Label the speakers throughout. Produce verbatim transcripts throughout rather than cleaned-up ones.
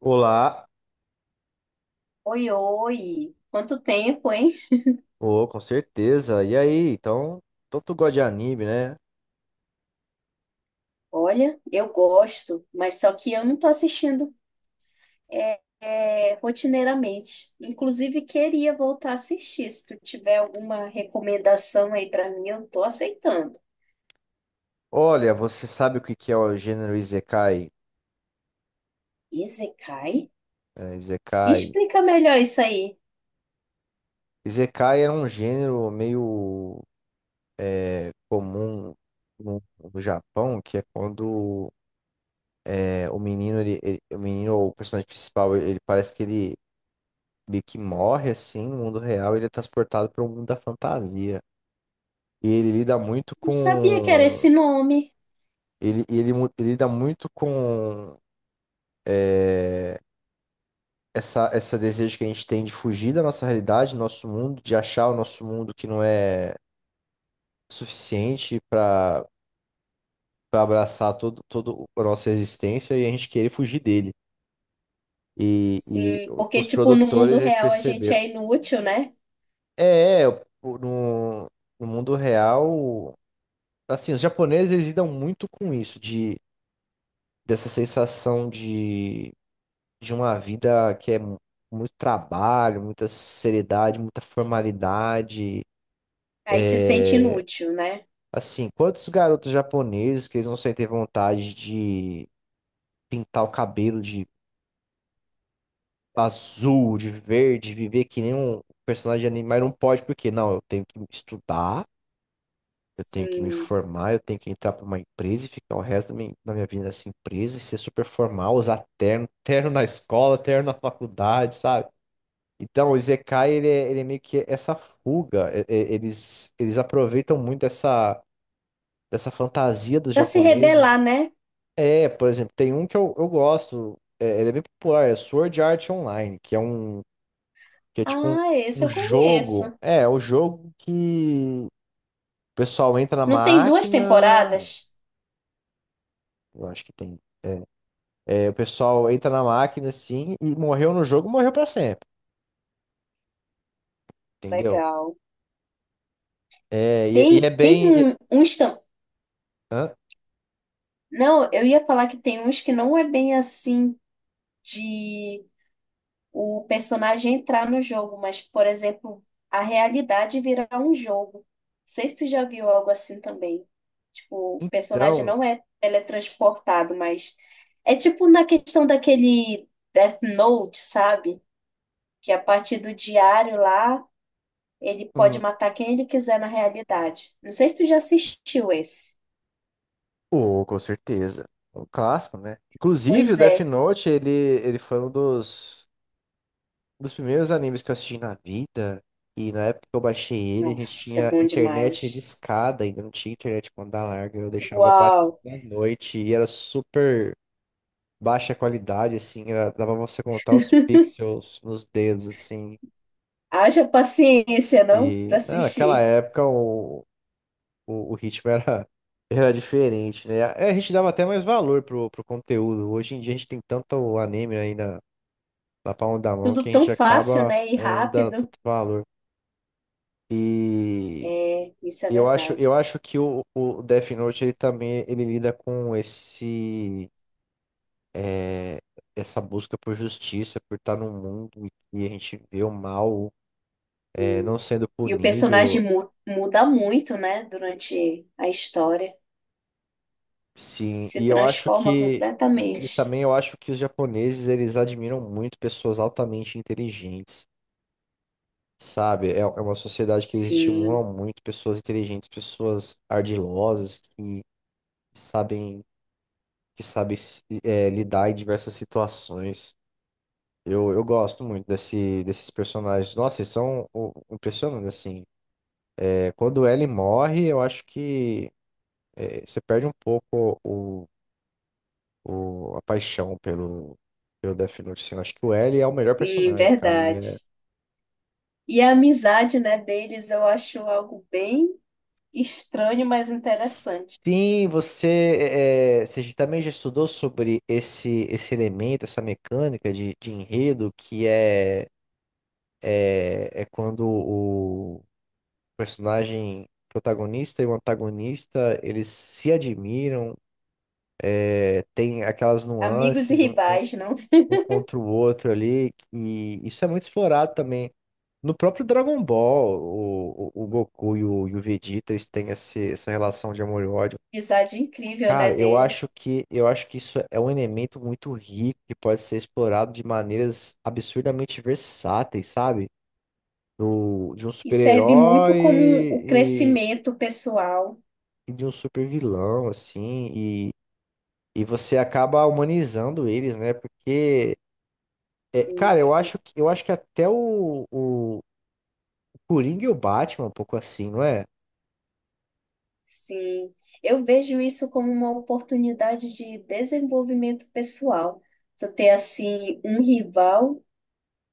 Speaker 1: Olá,
Speaker 2: Oi, oi! Quanto tempo, hein?
Speaker 1: oh, com certeza. E aí, então, então tu gosta de anime, né?
Speaker 2: Olha, eu gosto, mas só que eu não tô assistindo é, é, rotineiramente. Inclusive, queria voltar a assistir. Se tu tiver alguma recomendação aí pra mim, eu tô aceitando.
Speaker 1: Olha, você sabe o que que é o gênero Isekai?
Speaker 2: Isekai?
Speaker 1: É, Isekai.
Speaker 2: Explica melhor isso aí.
Speaker 1: Isekai é um gênero meio é, comum no, no Japão, que é quando é, o menino, ele, ele- o menino ou o personagem principal, ele, ele parece que ele meio que morre assim no mundo real, ele é transportado para o mundo da fantasia. E ele lida muito
Speaker 2: Não sabia que era esse
Speaker 1: com
Speaker 2: nome.
Speaker 1: ele, ele, mu- ele lida muito com é, essa, essa desejo que a gente tem de fugir da nossa realidade, do nosso mundo, de achar o nosso mundo que não é suficiente para para abraçar todo, todo a nossa existência e a gente querer fugir dele. E, e
Speaker 2: Sim, porque,
Speaker 1: os
Speaker 2: tipo, no mundo
Speaker 1: produtores, eles
Speaker 2: real a gente
Speaker 1: perceberam.
Speaker 2: é inútil, né?
Speaker 1: É, é, o- no, no mundo real, assim, os japoneses, eles lidam muito com isso, de, dessa sensação de, de uma vida que é mu- muito trabalho, muita seriedade, muita formalidade.
Speaker 2: Aí se sente inútil, né?
Speaker 1: Assim, quantos garotos japoneses que eles não sentem vontade de pintar o cabelo de azul, de verde, viver que nem um personagem de anime, mas não pode porque, não, eu tenho que estudar, eu tenho que me
Speaker 2: Sim.
Speaker 1: formar, eu tenho que entrar pra uma empresa e ficar o resto da minha, da minha vida nessa empresa e ser super formal, usar terno, terno na escola, terno na faculdade, sabe? Então, o Isekai, ele é, ele é meio que essa fuga, é- é- eles, eles aproveitam muito essa dessa fantasia dos
Speaker 2: Pra se rebelar,
Speaker 1: japoneses.
Speaker 2: né?
Speaker 1: É, por exemplo, tem um que eu, eu gosto, é, ele é bem popular, é Sword Art Online, que é um, que é tipo um,
Speaker 2: Ah, esse
Speaker 1: um
Speaker 2: eu
Speaker 1: jogo,
Speaker 2: conheço.
Speaker 1: é, é o jogo que o pessoal entra na
Speaker 2: Não tem duas
Speaker 1: máquina,
Speaker 2: temporadas?
Speaker 1: eu acho que tem, é, o pessoal entra na máquina assim, e morreu no jogo, morreu pra sempre, entendeu?
Speaker 2: Legal.
Speaker 1: É, e, e
Speaker 2: Tem,
Speaker 1: é
Speaker 2: tem
Speaker 1: bem, e-
Speaker 2: um, uns. Tam-
Speaker 1: hã?
Speaker 2: Não, eu ia falar que tem uns que não é bem assim de o personagem entrar no jogo, mas, por exemplo, a realidade virar um jogo. Não sei se tu já viu algo assim também. Tipo, o personagem
Speaker 1: Então,
Speaker 2: não é teletransportado, mas é tipo na questão daquele Death Note, sabe? Que é a partir do diário lá. Ele pode
Speaker 1: hum,
Speaker 2: matar quem ele quiser na realidade. Não sei se tu já assistiu esse.
Speaker 1: oh, com certeza, é um clássico, né? Inclusive, o
Speaker 2: Pois é.
Speaker 1: Death Note, ele, ele foi um dos um dos primeiros animes que eu assisti na vida, e na época que eu baixei ele, a gente
Speaker 2: Nossa, é
Speaker 1: tinha
Speaker 2: bom
Speaker 1: internet de
Speaker 2: demais.
Speaker 1: escada, ainda não tinha internet com banda larga, eu deixava baixo
Speaker 2: Uau!
Speaker 1: da noite e era super baixa qualidade, assim, era- dava pra você contar os pixels nos dedos, assim.
Speaker 2: Haja paciência, não? Pra
Speaker 1: E não, naquela
Speaker 2: assistir.
Speaker 1: época o, o, o ritmo era, era diferente, né? É, a gente dava até mais valor pro, pro conteúdo. Hoje em dia a gente tem tanto anime aí na, na palma da mão
Speaker 2: Tudo
Speaker 1: que a
Speaker 2: tão
Speaker 1: gente
Speaker 2: fácil,
Speaker 1: acaba
Speaker 2: né? E
Speaker 1: é, não dando
Speaker 2: rápido.
Speaker 1: tanto valor. E.
Speaker 2: É, isso é
Speaker 1: Eu acho,
Speaker 2: verdade.
Speaker 1: eu acho que o, o Death Note ele também ele lida com esse é, essa busca por justiça, por estar num mundo em que a gente vê o mal é,
Speaker 2: Hum.
Speaker 1: não sendo
Speaker 2: E o personagem
Speaker 1: punido.
Speaker 2: mu- muda muito, né? Durante a história.
Speaker 1: Sim.
Speaker 2: Se
Speaker 1: E eu acho
Speaker 2: transforma
Speaker 1: que e, e
Speaker 2: completamente.
Speaker 1: também eu acho que os japoneses eles admiram muito pessoas altamente inteligentes, sabe? É, é uma sociedade que eles
Speaker 2: Sim,
Speaker 1: estimulam muito pessoas inteligentes, pessoas ardilosas que sabem que sabem se- é, lidar em diversas situações. Eu, eu gosto muito desse, desses personagens. Nossa, eles são o- impressionantes, assim. É, quando ele morre, eu acho que é, você perde um pouco o, o- a paixão pelo, pelo Death Note, assim. Eu acho que o L é o melhor
Speaker 2: sim,
Speaker 1: personagem, cara. Ele
Speaker 2: verdade.
Speaker 1: é-
Speaker 2: E a amizade, né, deles eu acho algo bem estranho, mas interessante.
Speaker 1: sim, você, é, é, você também já estudou sobre esse, esse elemento, essa mecânica de, de enredo, que é, é, é quando personagem protagonista e o antagonista, eles se admiram, é, tem aquelas
Speaker 2: Amigos e
Speaker 1: nuances um, um-
Speaker 2: rivais, não?
Speaker 1: um contra o outro ali, e isso é muito explorado também. No próprio Dragon Ball, o, o, o Goku e o, e o Vegeta, eles têm esse, essa relação de amor e ódio.
Speaker 2: Amizade incrível, né,
Speaker 1: Cara, eu
Speaker 2: dele.
Speaker 1: acho que eu acho que isso é um elemento muito rico que pode ser explorado de maneiras absurdamente versáteis, sabe? Do, de um
Speaker 2: E serve
Speaker 1: super-herói
Speaker 2: muito como o
Speaker 1: e
Speaker 2: crescimento pessoal.
Speaker 1: de um super vilão, assim, e, e você acaba humanizando eles, né? Porque, é, cara, eu
Speaker 2: Isso,
Speaker 1: acho que, eu acho que até o, o Coringa e o Batman é um pouco assim, não é?
Speaker 2: sim. Eu vejo isso como uma oportunidade de desenvolvimento pessoal. Tu ter, assim, um rival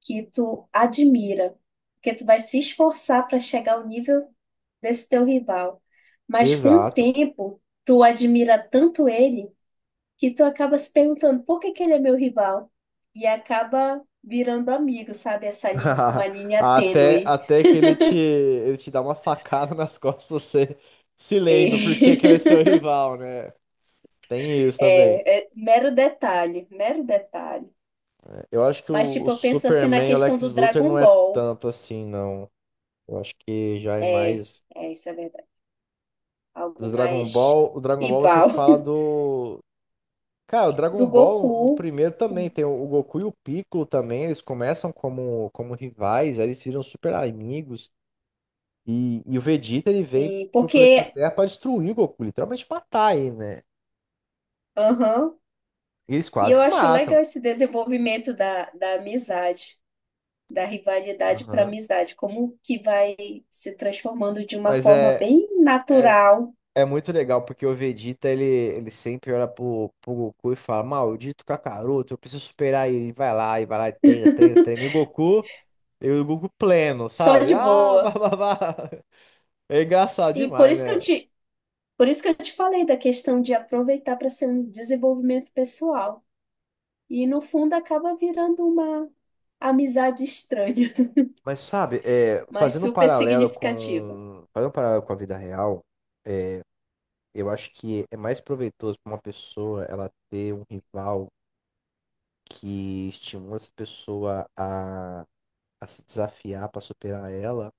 Speaker 2: que tu admira, porque tu vai se esforçar para chegar ao nível desse teu rival. Mas com o
Speaker 1: Exato.
Speaker 2: tempo, tu admira tanto ele que tu acaba se perguntando por que que ele é meu rival e acaba virando amigo, sabe? Essa linha, uma linha
Speaker 1: Até,
Speaker 2: tênue.
Speaker 1: até que ele te, ele te dá uma facada nas costas, você se lembra porque que ele é seu
Speaker 2: E
Speaker 1: rival, né? Tem isso também.
Speaker 2: é, é mero detalhe, mero detalhe.
Speaker 1: Eu acho que
Speaker 2: Mas
Speaker 1: o, o
Speaker 2: tipo, eu penso assim na
Speaker 1: Superman e o
Speaker 2: questão
Speaker 1: Lex
Speaker 2: do
Speaker 1: Luthor
Speaker 2: Dragon
Speaker 1: não é
Speaker 2: Ball.
Speaker 1: tanto assim, não. Eu acho que já é
Speaker 2: É,
Speaker 1: mais.
Speaker 2: é isso é verdade.
Speaker 1: Do
Speaker 2: Algo
Speaker 1: Dragon
Speaker 2: mais
Speaker 1: Ball, o Dragon Ball você
Speaker 2: rival
Speaker 1: fala do. Cara, o Dragon
Speaker 2: do
Speaker 1: Ball no
Speaker 2: Goku,
Speaker 1: primeiro também tem o Goku e o Piccolo também. Eles começam como, como rivais, aí eles viram super amigos. E, e o Vegeta ele vem
Speaker 2: sim,
Speaker 1: pro planeta
Speaker 2: porque
Speaker 1: Terra pra destruir o Goku, literalmente matar ele, né?
Speaker 2: aham.
Speaker 1: E eles
Speaker 2: E
Speaker 1: quase
Speaker 2: eu
Speaker 1: se
Speaker 2: acho legal
Speaker 1: matam.
Speaker 2: esse desenvolvimento da, da amizade. Da rivalidade para
Speaker 1: Aham.
Speaker 2: amizade, como que vai se transformando de uma
Speaker 1: Mas
Speaker 2: forma
Speaker 1: é.
Speaker 2: bem
Speaker 1: é,
Speaker 2: natural,
Speaker 1: É muito legal porque o Vegeta ele, ele sempre olha pro, pro Goku e fala: Maldito Kakaroto, eu preciso superar ele. E vai lá, e vai lá, e treina, treina, treina. E o Goku, e o Goku pleno,
Speaker 2: só
Speaker 1: sabe?
Speaker 2: de
Speaker 1: Ah,
Speaker 2: boa.
Speaker 1: bababá. É engraçado
Speaker 2: Sim, por
Speaker 1: demais,
Speaker 2: isso que eu
Speaker 1: né?
Speaker 2: te, por isso que eu te falei da questão de aproveitar para ser um desenvolvimento pessoal. E no fundo acaba virando uma amizade estranha,
Speaker 1: Mas sabe, é,
Speaker 2: mas
Speaker 1: fazendo um
Speaker 2: super
Speaker 1: paralelo
Speaker 2: significativa.
Speaker 1: com, fazendo um paralelo com a vida real, eu acho que é mais proveitoso para uma pessoa ela ter um rival que estimula essa pessoa a, a se desafiar para superar ela,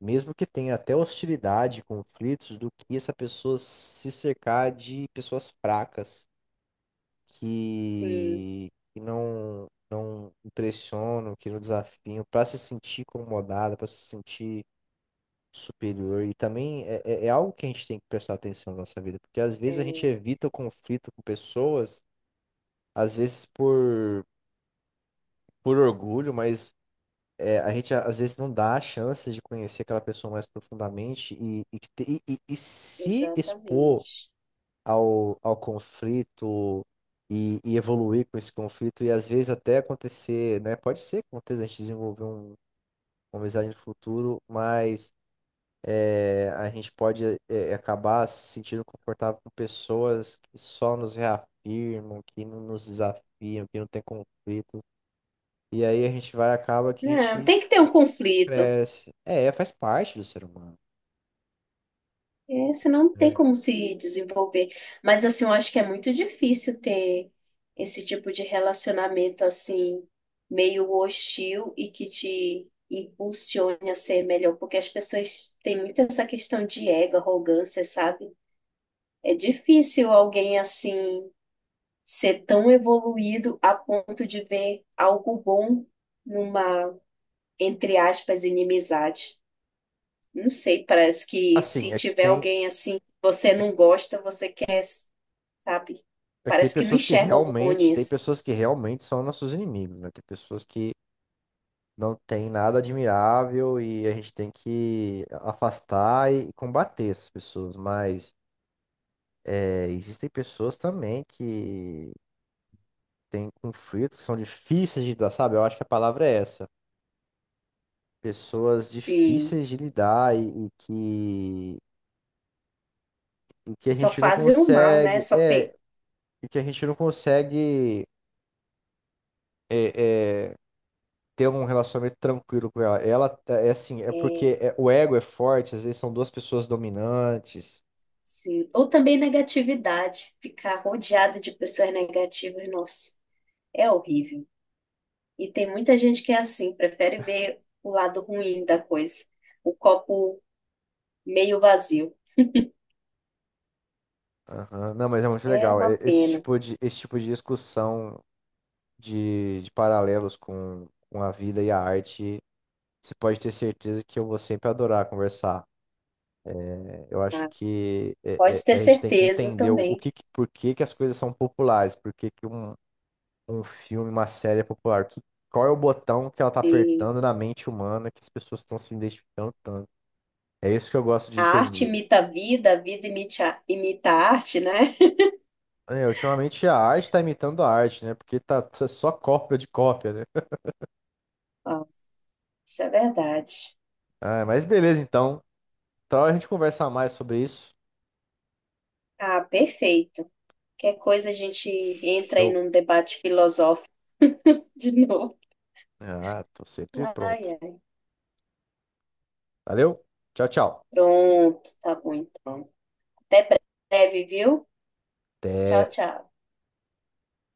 Speaker 1: mesmo que tenha até hostilidade, conflitos, do que essa pessoa se cercar de pessoas fracas,
Speaker 2: Sim,
Speaker 1: que, que não, não impressionam, que não desafiam, para se sentir incomodada, para se sentir superior. E também é, é é algo que a gente tem que prestar atenção na nossa vida, porque às vezes a gente
Speaker 2: é,
Speaker 1: evita o conflito com pessoas, às vezes por, por orgulho, mas é, a gente às vezes não dá a chance de conhecer aquela pessoa mais profundamente e, e, que te- e- e se expor
Speaker 2: exatamente.
Speaker 1: ao, ao conflito e, e evoluir com esse conflito e às vezes até acontecer, né? Pode ser que aconteça, a gente desenvolver um, uma amizade no futuro, mas é, a gente pode é, acabar se sentindo confortável com pessoas que só nos reafirmam, que não nos desafiam, que não tem conflito. E aí a gente vai, acaba que a
Speaker 2: Não,
Speaker 1: gente
Speaker 2: tem que ter um conflito.
Speaker 1: cresce. É, faz parte do ser humano.
Speaker 2: É, senão não tem
Speaker 1: É.
Speaker 2: como se desenvolver. Mas assim, eu acho que é muito difícil ter esse tipo de relacionamento assim, meio hostil e que te impulsione a ser melhor, porque as pessoas têm muito essa questão de ego, arrogância, sabe? É difícil alguém assim ser tão evoluído a ponto de ver algo bom numa, entre aspas, inimizade. Não sei, parece que se
Speaker 1: Assim, é que
Speaker 2: tiver
Speaker 1: tem,
Speaker 2: alguém assim você não gosta, você sabe?
Speaker 1: é que tem
Speaker 2: Parece que não
Speaker 1: pessoas que
Speaker 2: enxerga algo bom
Speaker 1: realmente, tem
Speaker 2: nisso.
Speaker 1: pessoas que realmente são nossos inimigos, né? Tem pessoas que não tem nada admirável e a gente tem que afastar e combater essas pessoas, mas é, existem pessoas também que têm conflitos que são difíceis de lidar, sabe? Eu acho que a palavra é essa. Pessoas
Speaker 2: Sim,
Speaker 1: difíceis de lidar e, e que, e que a
Speaker 2: só
Speaker 1: gente não
Speaker 2: fazer o mal, né?
Speaker 1: consegue,
Speaker 2: Só pe...
Speaker 1: é, e que a gente não consegue é, é, ter um relacionamento tranquilo com ela. Ela tá, é assim, é porque
Speaker 2: é,
Speaker 1: é- o ego é forte, às vezes são duas pessoas dominantes.
Speaker 2: sim. Ou também negatividade, ficar rodeado de pessoas negativas, nossa, é horrível. E tem muita gente que é assim, prefere ver o lado ruim da coisa, o copo meio vazio.
Speaker 1: Aham. Não, mas é muito
Speaker 2: É
Speaker 1: legal.
Speaker 2: uma
Speaker 1: É- esse
Speaker 2: pena.
Speaker 1: tipo de, esse tipo de discussão de, de paralelos com, com a vida e a arte, você pode ter certeza que eu vou sempre adorar conversar. É, eu acho
Speaker 2: Tá?
Speaker 1: que
Speaker 2: Pode
Speaker 1: é-
Speaker 2: ter
Speaker 1: é- a gente tem que
Speaker 2: certeza
Speaker 1: entender o, o
Speaker 2: também
Speaker 1: que, que- por que que as coisas são populares, por que que um, um filme, uma série é popular, que- qual é o botão que ela está
Speaker 2: que
Speaker 1: apertando na mente humana que as pessoas estão se identificando tanto. É isso que eu gosto de
Speaker 2: a arte
Speaker 1: entender.
Speaker 2: imita a vida, a vida imita imita a arte, né?
Speaker 1: É, ultimamente a arte tá imitando a arte, né? Porque tá t- só cópia de cópia, né?
Speaker 2: Ó, isso é verdade.
Speaker 1: Ah, mas beleza, então. Então a gente conversa mais sobre isso.
Speaker 2: Ah, perfeito. Qualquer coisa a gente entra aí
Speaker 1: Show.
Speaker 2: num debate filosófico de novo.
Speaker 1: Ah, tô sempre pronto.
Speaker 2: Ai, ai.
Speaker 1: Valeu. Tchau, tchau.
Speaker 2: Pronto, tá bom então. Até breve, viu?
Speaker 1: Até.
Speaker 2: Tchau, tchau.